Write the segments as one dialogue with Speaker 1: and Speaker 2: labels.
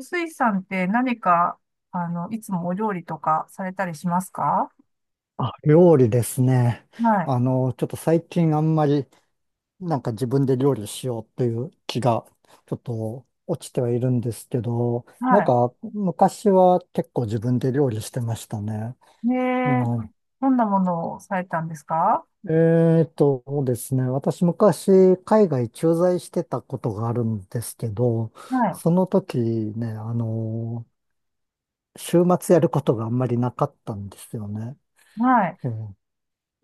Speaker 1: スイさんって何か、いつもお料理とかされたりしますか？
Speaker 2: あ、料理ですね。
Speaker 1: はい。
Speaker 2: ちょっと最近あんまり自分で料理しようという気がちょっと落ちてはいるんですけど、なん
Speaker 1: は
Speaker 2: か昔は結構自分で料理してましたね。
Speaker 1: い。ね
Speaker 2: う
Speaker 1: え、
Speaker 2: ん、
Speaker 1: どんなものをされたんですか？
Speaker 2: えーとですね。私昔海外駐在してたことがあるんですけど、
Speaker 1: はい。
Speaker 2: その時ね、週末やることがあんまりなかったんですよね。
Speaker 1: はい。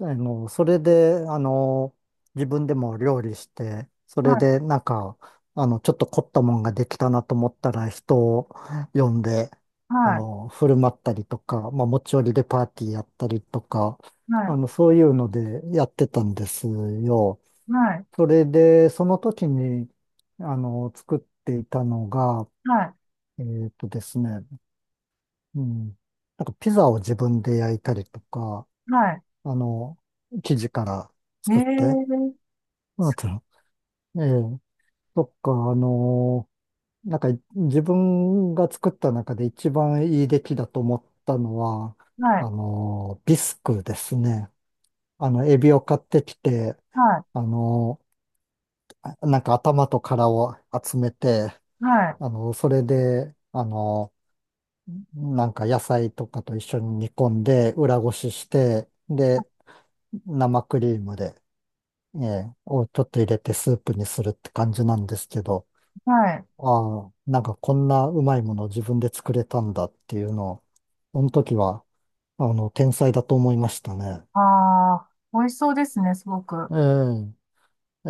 Speaker 2: それで、自分でも料理して、それ
Speaker 1: はい。
Speaker 2: で、ちょっと凝ったもんができたなと思ったら、人を呼んで、
Speaker 1: はい。
Speaker 2: 振る舞ったりとか、まあ、持ち寄りでパーティーやったりとか、
Speaker 1: はい。
Speaker 2: そういうのでやってたんですよ。
Speaker 1: はい。
Speaker 2: それで、その時に、作っていたのが、
Speaker 1: は
Speaker 2: えっとですね、うん、なんかピザを自分で焼いたりとか、
Speaker 1: い。はい。
Speaker 2: あの、生地から
Speaker 1: ね
Speaker 2: 作って、
Speaker 1: え、
Speaker 2: あと、ええ、そっか、なんか自分が作った中で一番いい出来だと思ったのは、
Speaker 1: はい。
Speaker 2: ビスクですね。エビを買ってきて、
Speaker 1: はい。
Speaker 2: あのなんか頭と殻を集めて、
Speaker 1: はい。
Speaker 2: それで、なんか野菜とかと一緒に煮込んで、裏ごしして、で、生クリームで、ええ、をちょっと入れてスープにするって感じなんですけど、
Speaker 1: はい。
Speaker 2: ああ、なんかこんなうまいもの自分で作れたんだっていうのを、その時は、天才だと思いましたね。
Speaker 1: ああ、美味しそうですね、すごく。
Speaker 2: ええ、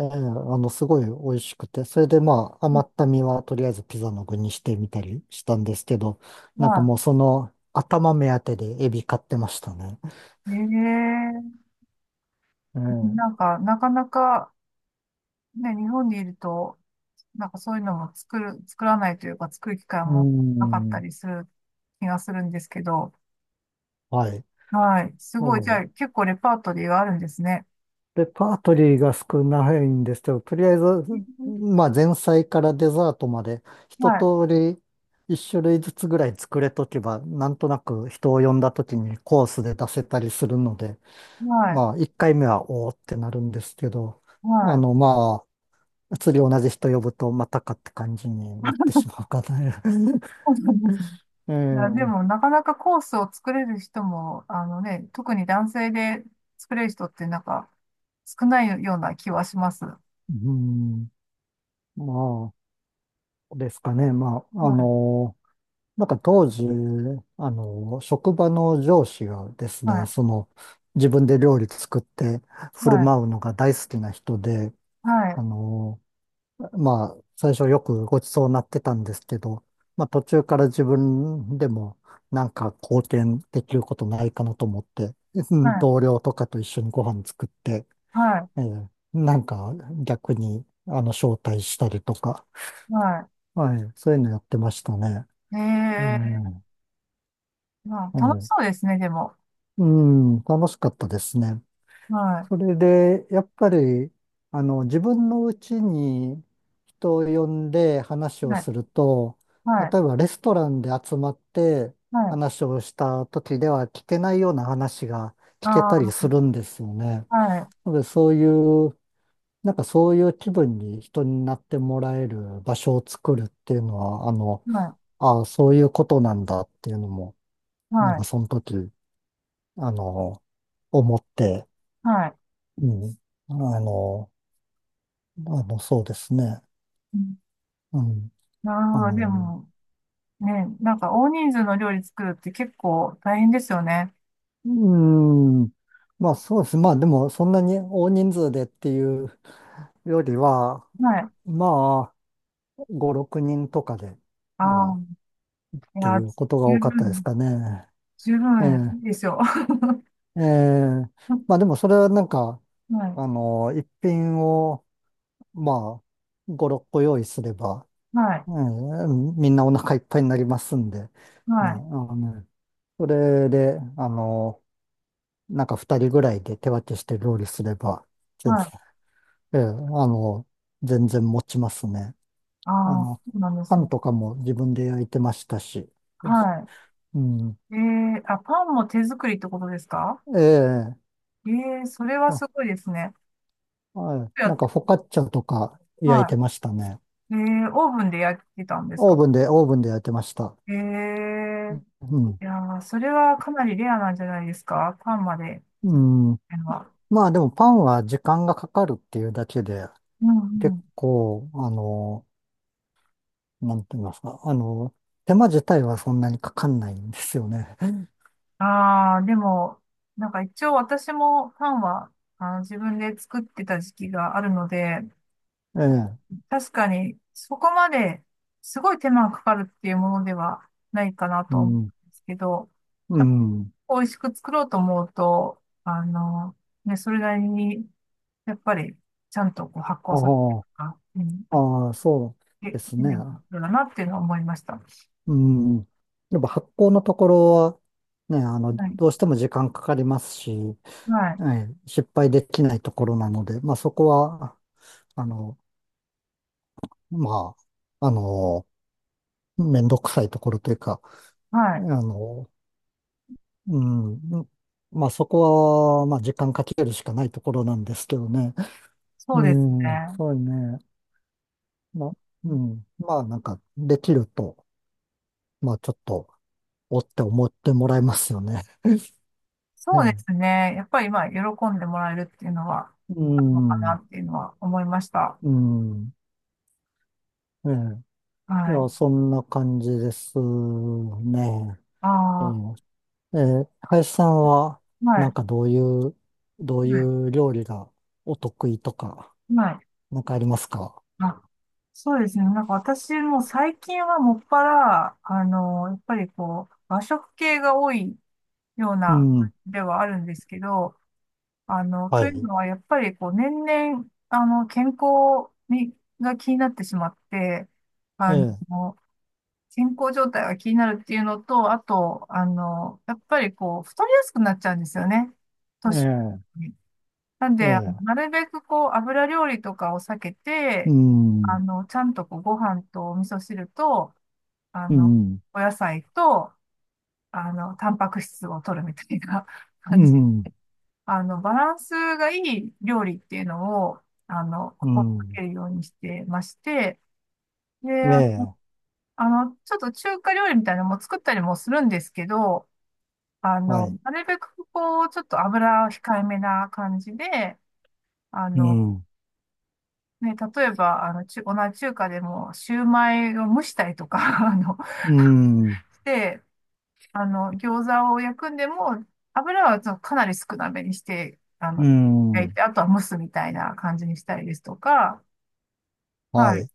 Speaker 2: ええ、すごい美味しくて、それでまあ、
Speaker 1: うん。
Speaker 2: 余った身はとりあえずピザの具にしてみたりしたんですけど、なんか
Speaker 1: は
Speaker 2: もうその頭目当てでエビ買ってましたね。
Speaker 1: い。ね
Speaker 2: ええ、
Speaker 1: え、なんか、なかなか、ね、日本にいると、なんかそういうのも作る、作らないというか、作る機会
Speaker 2: う
Speaker 1: もなかった
Speaker 2: ん、
Speaker 1: りする気がするんですけど、
Speaker 2: はい。
Speaker 1: はい。す
Speaker 2: う
Speaker 1: ごい。じゃあ、
Speaker 2: ん
Speaker 1: 結構レパートリーがあるんですね。
Speaker 2: レパートリーが少ないんですけど、とりあえず、まあ前菜からデザートまで一
Speaker 1: はい。
Speaker 2: 通り一種類ずつぐらい作れとけば、なんとなく人を呼んだ時にコースで出せたりするので、
Speaker 1: はい。
Speaker 2: まあ一回目はおーってなるんですけど、
Speaker 1: はい。
Speaker 2: まあ、次同じ人呼ぶとまたかって感じになってしまうかな。
Speaker 1: そうなんですね。
Speaker 2: え
Speaker 1: いや、でも、
Speaker 2: え
Speaker 1: なかなかコースを作れる人も、あのね、特に男性で作れる人って、なんか、少ないような気はします。は
Speaker 2: うん、まあ、ですかね。まあ、
Speaker 1: い。
Speaker 2: なんか当時、職場の上司がですね、
Speaker 1: はい。
Speaker 2: その、自分で料理作って振る
Speaker 1: はい。
Speaker 2: 舞うのが大好きな人で、
Speaker 1: は
Speaker 2: あ
Speaker 1: い。
Speaker 2: の、まあ、最初よくごちそうになってたんですけど、まあ途中から自分でもなんか貢献できることないかなと思って、う
Speaker 1: は
Speaker 2: ん
Speaker 1: い。
Speaker 2: 同僚とかと一緒にご飯作って、
Speaker 1: は
Speaker 2: ええなんか逆に、招待したりとか、
Speaker 1: い。は
Speaker 2: はい、そういうのやってましたね。う
Speaker 1: い。ええ。
Speaker 2: ん、
Speaker 1: ま
Speaker 2: う
Speaker 1: あ、楽し
Speaker 2: ん
Speaker 1: そうですね、でも。
Speaker 2: うん、楽しかったですね。
Speaker 1: は
Speaker 2: それで、やっぱり、自分のうちに人を呼んで話
Speaker 1: い。
Speaker 2: を
Speaker 1: はい。
Speaker 2: すると、
Speaker 1: はい。
Speaker 2: 例えばレストランで集まって
Speaker 1: はい。
Speaker 2: 話をした時では聞けないような話が聞け
Speaker 1: あ
Speaker 2: たりす
Speaker 1: あ、
Speaker 2: るんですよね。
Speaker 1: はい。
Speaker 2: なので、そういう、なんかそういう気分に人になってもらえる場所を作るっていうのは、
Speaker 1: は
Speaker 2: ああ、そういうことなんだっていうのも、
Speaker 1: い。
Speaker 2: なん
Speaker 1: は
Speaker 2: か
Speaker 1: い。
Speaker 2: その時、あの、思って、
Speaker 1: はい。
Speaker 2: うん。あの、そうですね。
Speaker 1: うん。
Speaker 2: うん。
Speaker 1: なる
Speaker 2: あ
Speaker 1: ほど。で
Speaker 2: の、
Speaker 1: も、ね、なんか大人数の料理作るって結構大変ですよね。
Speaker 2: うーん。まあそうです。まあでもそんなに大人数でっていうよりは、
Speaker 1: はい。
Speaker 2: まあ5、6人とかで、
Speaker 1: あ
Speaker 2: うん、
Speaker 1: あ、
Speaker 2: っ
Speaker 1: い
Speaker 2: て
Speaker 1: や、
Speaker 2: いうことが
Speaker 1: 十
Speaker 2: 多かったです
Speaker 1: 分、
Speaker 2: かね。
Speaker 1: 十
Speaker 2: え
Speaker 1: 分ですよ。
Speaker 2: え、ええ。まあ
Speaker 1: は
Speaker 2: でもそれはなんか、
Speaker 1: い。
Speaker 2: 一品を、まあ、5、6個用意すれば、
Speaker 1: はい。
Speaker 2: うん、みんなお腹いっぱいになりますんで、ね、あ
Speaker 1: はい。
Speaker 2: のそれで、なんか二人ぐらいで手分けして料理すれば、全
Speaker 1: は
Speaker 2: 然、
Speaker 1: い。
Speaker 2: ええ、の、全然持ちますね。あ
Speaker 1: ああ、
Speaker 2: の、
Speaker 1: そうなんで
Speaker 2: パ
Speaker 1: す
Speaker 2: ン
Speaker 1: ね。
Speaker 2: とかも自分で焼いてましたし。そうです
Speaker 1: は
Speaker 2: うん。
Speaker 1: い。ええ。あ、パンも手作りってことですか？
Speaker 2: ええ、
Speaker 1: えー、それは
Speaker 2: あ、
Speaker 1: すごいですね。
Speaker 2: はい。なんか
Speaker 1: や
Speaker 2: フォカッチャとか焼い
Speaker 1: は
Speaker 2: てましたね。
Speaker 1: い。えー、オーブンで焼いてたんですか？
Speaker 2: オーブンで焼いてました。
Speaker 1: ええ。
Speaker 2: うん。
Speaker 1: いやー、それはかなりレアなんじゃないですか、パンまで。
Speaker 2: うん。
Speaker 1: あの、は、
Speaker 2: まあでもパンは時間がかかるっていうだけで、
Speaker 1: うんう
Speaker 2: 結
Speaker 1: ん。
Speaker 2: 構、なんて言いますか、手間自体はそんなにかかんないんですよね。
Speaker 1: ああ、でも、なんか一応私もパンは、自分で作ってた時期があるので、
Speaker 2: ええ、
Speaker 1: 確かにそこまですごい手間がかかるっていうものではないかな
Speaker 2: う
Speaker 1: と思う
Speaker 2: ん、
Speaker 1: んですけど、
Speaker 2: う
Speaker 1: やっ
Speaker 2: ん。
Speaker 1: ぱ美味しく作ろうと思うと、ね、それなりに、やっぱりちゃんとこう発酵させて
Speaker 2: あ
Speaker 1: とか、うん、
Speaker 2: あ、ああ、そ
Speaker 1: て、手間がかか
Speaker 2: うですね。
Speaker 1: るんだなっていうのは思いました。
Speaker 2: うん。やっぱ発酵のところは、ね、
Speaker 1: はい。
Speaker 2: どうしても時間かかりますし、
Speaker 1: はい。
Speaker 2: ええ、失敗できないところなので、まあそこは、あの、まあ、あの、めんどくさいところというか、
Speaker 1: は
Speaker 2: あ
Speaker 1: い。
Speaker 2: の、うん、まあそこは、まあ時間かけるしかないところなんですけどね。
Speaker 1: そ
Speaker 2: う
Speaker 1: うです
Speaker 2: ん、
Speaker 1: ね。
Speaker 2: そうね。ま、うん。まあ、なんか、できると、まあ、ちょっと、おって思ってもらえますよね。
Speaker 1: そうで
Speaker 2: え
Speaker 1: す
Speaker 2: え
Speaker 1: ね。やっぱり、まあ、喜んでもらえるっていうのは、
Speaker 2: う
Speaker 1: あるのか
Speaker 2: ん、う
Speaker 1: な
Speaker 2: ん、
Speaker 1: っていうのは思いました。
Speaker 2: うんええ。い
Speaker 1: は
Speaker 2: や、
Speaker 1: い。
Speaker 2: そんな感じですね。え
Speaker 1: あ
Speaker 2: え、ええ、林さんは、
Speaker 1: あ、は
Speaker 2: なん
Speaker 1: い。
Speaker 2: かどうい
Speaker 1: は
Speaker 2: う料理がお得意とか、
Speaker 1: い。はい。
Speaker 2: なんかありますか
Speaker 1: あ、そうですね。なんか私も最近はもっぱら、やっぱりこう、和食系が多いよう
Speaker 2: う
Speaker 1: な、
Speaker 2: ん、
Speaker 1: ではあるんですけど、
Speaker 2: は
Speaker 1: という
Speaker 2: い。
Speaker 1: のは、やっぱりこう、年々、健康に、が気になってしまって、
Speaker 2: え
Speaker 1: あの、
Speaker 2: え、
Speaker 1: 健康状態が気になるっていうのと、あと、やっぱりこう、太りやすくなっちゃうんですよね。
Speaker 2: え
Speaker 1: 年
Speaker 2: え、
Speaker 1: に。なん
Speaker 2: え
Speaker 1: で、
Speaker 2: え、
Speaker 1: なるべくこう、油料理とかを避け
Speaker 2: う
Speaker 1: て、
Speaker 2: ん、
Speaker 1: ちゃんとこう、ご飯とお味噌汁と、あ
Speaker 2: う
Speaker 1: の、
Speaker 2: ん、
Speaker 1: お野菜と、タンパク質を取るみたいな
Speaker 2: う
Speaker 1: 感じ。
Speaker 2: ん、
Speaker 1: バランスがいい料理っていうのを、
Speaker 2: う
Speaker 1: 心が
Speaker 2: ん。
Speaker 1: けるようにしてまして、で、
Speaker 2: ええ
Speaker 1: ちょっと中華料理みたいなのも作ったりもするんですけど、
Speaker 2: はい。
Speaker 1: なるべくこう、ちょっと油を控えめな感じで、あ
Speaker 2: う
Speaker 1: の、
Speaker 2: ん。
Speaker 1: ね、例えば、同じ中華でも、シューマイを蒸したりとか、あの、
Speaker 2: うん。
Speaker 1: して、餃子を焼くんでも、油はちょっとかなり少なめにして、
Speaker 2: う
Speaker 1: 焼
Speaker 2: ん。
Speaker 1: いて、あとは蒸すみたいな感じにしたりですとか、
Speaker 2: は
Speaker 1: はい。
Speaker 2: い。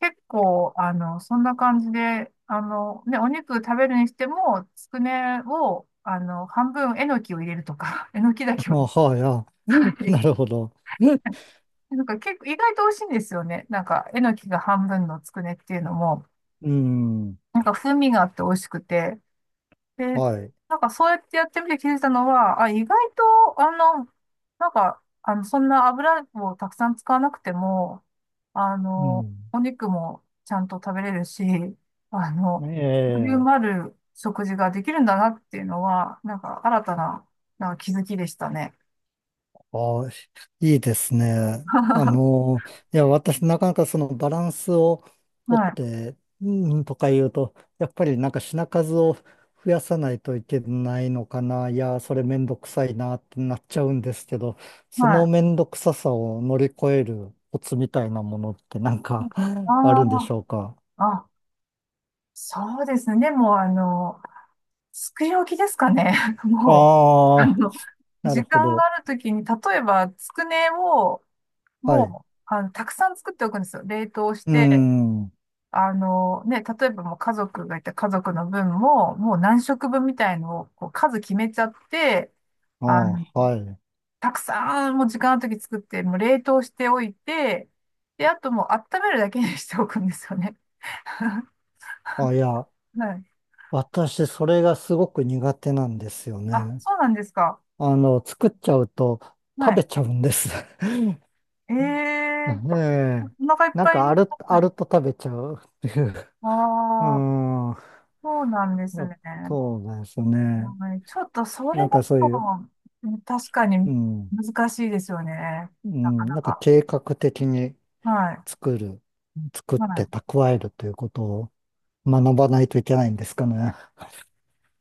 Speaker 1: 結構、そんな感じで、ね、お肉食べるにしても、つくねを、半分、えのきを入れるとか、えのきだけ
Speaker 2: あ、
Speaker 1: を、
Speaker 2: はい。あ、
Speaker 1: は い。
Speaker 2: なるほど。
Speaker 1: なんか結構意外と美味しいんですよね。なんか、えのきが半分のつくねっていうのも、
Speaker 2: うん。
Speaker 1: なんか風味があって美味しくて。で、
Speaker 2: はい。
Speaker 1: なんかそうやってやってみて気づいたのは、あ、意外と、なんか、そんな油をたくさん使わなくても、
Speaker 2: うん。
Speaker 1: お肉もちゃんと食べれるし、あの、ボリュー
Speaker 2: ええ
Speaker 1: ムある食事ができるんだなっていうのは、なんか新たな、なんか気づきでしたね。
Speaker 2: ああ、いいですね。あ の、いや、私、なかなかそのバランスを取っ
Speaker 1: はい。
Speaker 2: て、うん、とか言うと、やっぱりなんか品数を増やさないといけないのかな。いや、それめんどくさいなってなっちゃうんですけど、そ
Speaker 1: は
Speaker 2: の
Speaker 1: い。
Speaker 2: めんどくささを乗り越えるコツみたいなものってなんか あるんでし
Speaker 1: あ
Speaker 2: ょうか。
Speaker 1: あ、あ、そうですね。でも、作り置きですかね。もう、
Speaker 2: ああ、なる
Speaker 1: 時
Speaker 2: ほ
Speaker 1: 間が
Speaker 2: ど。
Speaker 1: あるときに、例えば、つくねを、
Speaker 2: はい。う
Speaker 1: もう、たくさん作っておくんですよ。冷凍し
Speaker 2: ー
Speaker 1: て、
Speaker 2: ん。
Speaker 1: ね、例えばもう家族がいて、家族の分も、もう何食分みたいのを、こう、数決めちゃって、
Speaker 2: あ
Speaker 1: あの、
Speaker 2: あ、はい。
Speaker 1: たくさん、もう時間あるとき作って、もう冷凍しておいて、で、あともう温めるだけにしておくんですよね。
Speaker 2: あ、いや。
Speaker 1: はい。
Speaker 2: 私、それがすごく苦手なんですよ
Speaker 1: あ、
Speaker 2: ね。
Speaker 1: そうなんですか。
Speaker 2: 作っちゃうと
Speaker 1: は
Speaker 2: 食べ
Speaker 1: い。
Speaker 2: ちゃうんです。
Speaker 1: ええ。
Speaker 2: ね
Speaker 1: お
Speaker 2: え。
Speaker 1: 腹いっ
Speaker 2: なん
Speaker 1: ぱい
Speaker 2: か
Speaker 1: になった
Speaker 2: あ
Speaker 1: ね。
Speaker 2: ると食べちゃうっていう。う
Speaker 1: ああ、
Speaker 2: ん。
Speaker 1: そうなんです
Speaker 2: ま
Speaker 1: ね。
Speaker 2: そうなんですよね。
Speaker 1: はい、ちょっとそ
Speaker 2: な
Speaker 1: れ
Speaker 2: んか
Speaker 1: だ
Speaker 2: そう
Speaker 1: と、
Speaker 2: いう、
Speaker 1: 確かに
Speaker 2: うん。
Speaker 1: 難しいですよね。
Speaker 2: う
Speaker 1: なか
Speaker 2: ん。
Speaker 1: な
Speaker 2: なんか
Speaker 1: か。
Speaker 2: 計画的に
Speaker 1: はい。
Speaker 2: 作る、作っ
Speaker 1: は
Speaker 2: て
Speaker 1: い。
Speaker 2: 蓄えるということを学ばないといけないんですかね。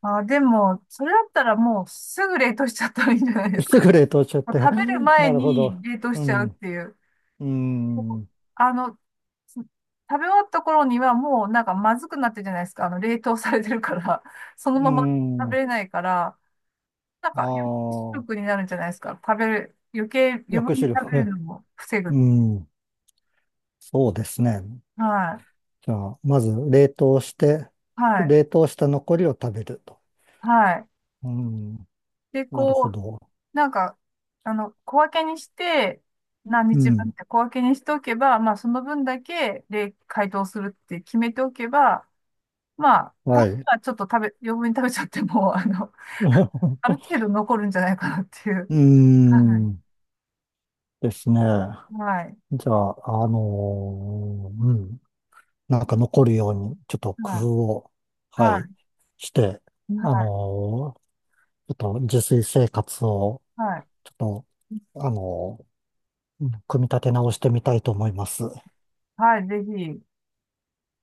Speaker 1: あ、でも、それだったらもうすぐ冷凍しちゃったらいいんじゃないです
Speaker 2: す
Speaker 1: か。
Speaker 2: ぐ冷凍しちゃっ
Speaker 1: もう
Speaker 2: て。
Speaker 1: 食べる 前
Speaker 2: なるほど。
Speaker 1: に冷凍
Speaker 2: う
Speaker 1: しちゃうっ
Speaker 2: ん。
Speaker 1: ていう。
Speaker 2: う
Speaker 1: こう、
Speaker 2: ん。
Speaker 1: あの、食べ終わった頃にはもうなんかまずくなってるじゃないですか。冷凍されてるから、その
Speaker 2: う
Speaker 1: まま食べ
Speaker 2: ん。
Speaker 1: れないから、なん
Speaker 2: あ
Speaker 1: か、
Speaker 2: あ。
Speaker 1: 食になるんじゃないですか。食べる、余計、余
Speaker 2: 抑
Speaker 1: 分に
Speaker 2: 止
Speaker 1: 食
Speaker 2: 力。
Speaker 1: べる
Speaker 2: え
Speaker 1: のも防
Speaker 2: う
Speaker 1: ぐ。
Speaker 2: ん。そうですね。
Speaker 1: はい。
Speaker 2: じゃあ、まず冷凍して、
Speaker 1: はい。
Speaker 2: 冷凍した残りを食べると。
Speaker 1: はい。
Speaker 2: うん。
Speaker 1: で、
Speaker 2: なるほ
Speaker 1: こう、
Speaker 2: ど。
Speaker 1: なんか、小分けにして、何
Speaker 2: う
Speaker 1: 日分っ
Speaker 2: ん。
Speaker 1: て小分けにしておけば、まあ、その分だけ、で、解凍するって決めておけば、まあ、たま
Speaker 2: は
Speaker 1: に
Speaker 2: い。
Speaker 1: はちょっと余分に食べちゃっても、
Speaker 2: う
Speaker 1: ある程度残るんじゃないかなっていう。
Speaker 2: ー
Speaker 1: はい。
Speaker 2: ん。ですね。
Speaker 1: はい。
Speaker 2: じゃあ、うん。なんか残るように、ちょっと工
Speaker 1: は
Speaker 2: 夫
Speaker 1: い。
Speaker 2: を、は
Speaker 1: は
Speaker 2: い、
Speaker 1: い。
Speaker 2: して、
Speaker 1: は
Speaker 2: あ
Speaker 1: い。
Speaker 2: のーちょっと自炊生活を、
Speaker 1: はい。
Speaker 2: ちょっと、あの組み立て直してみたいと思います。
Speaker 1: はい。ぜひ。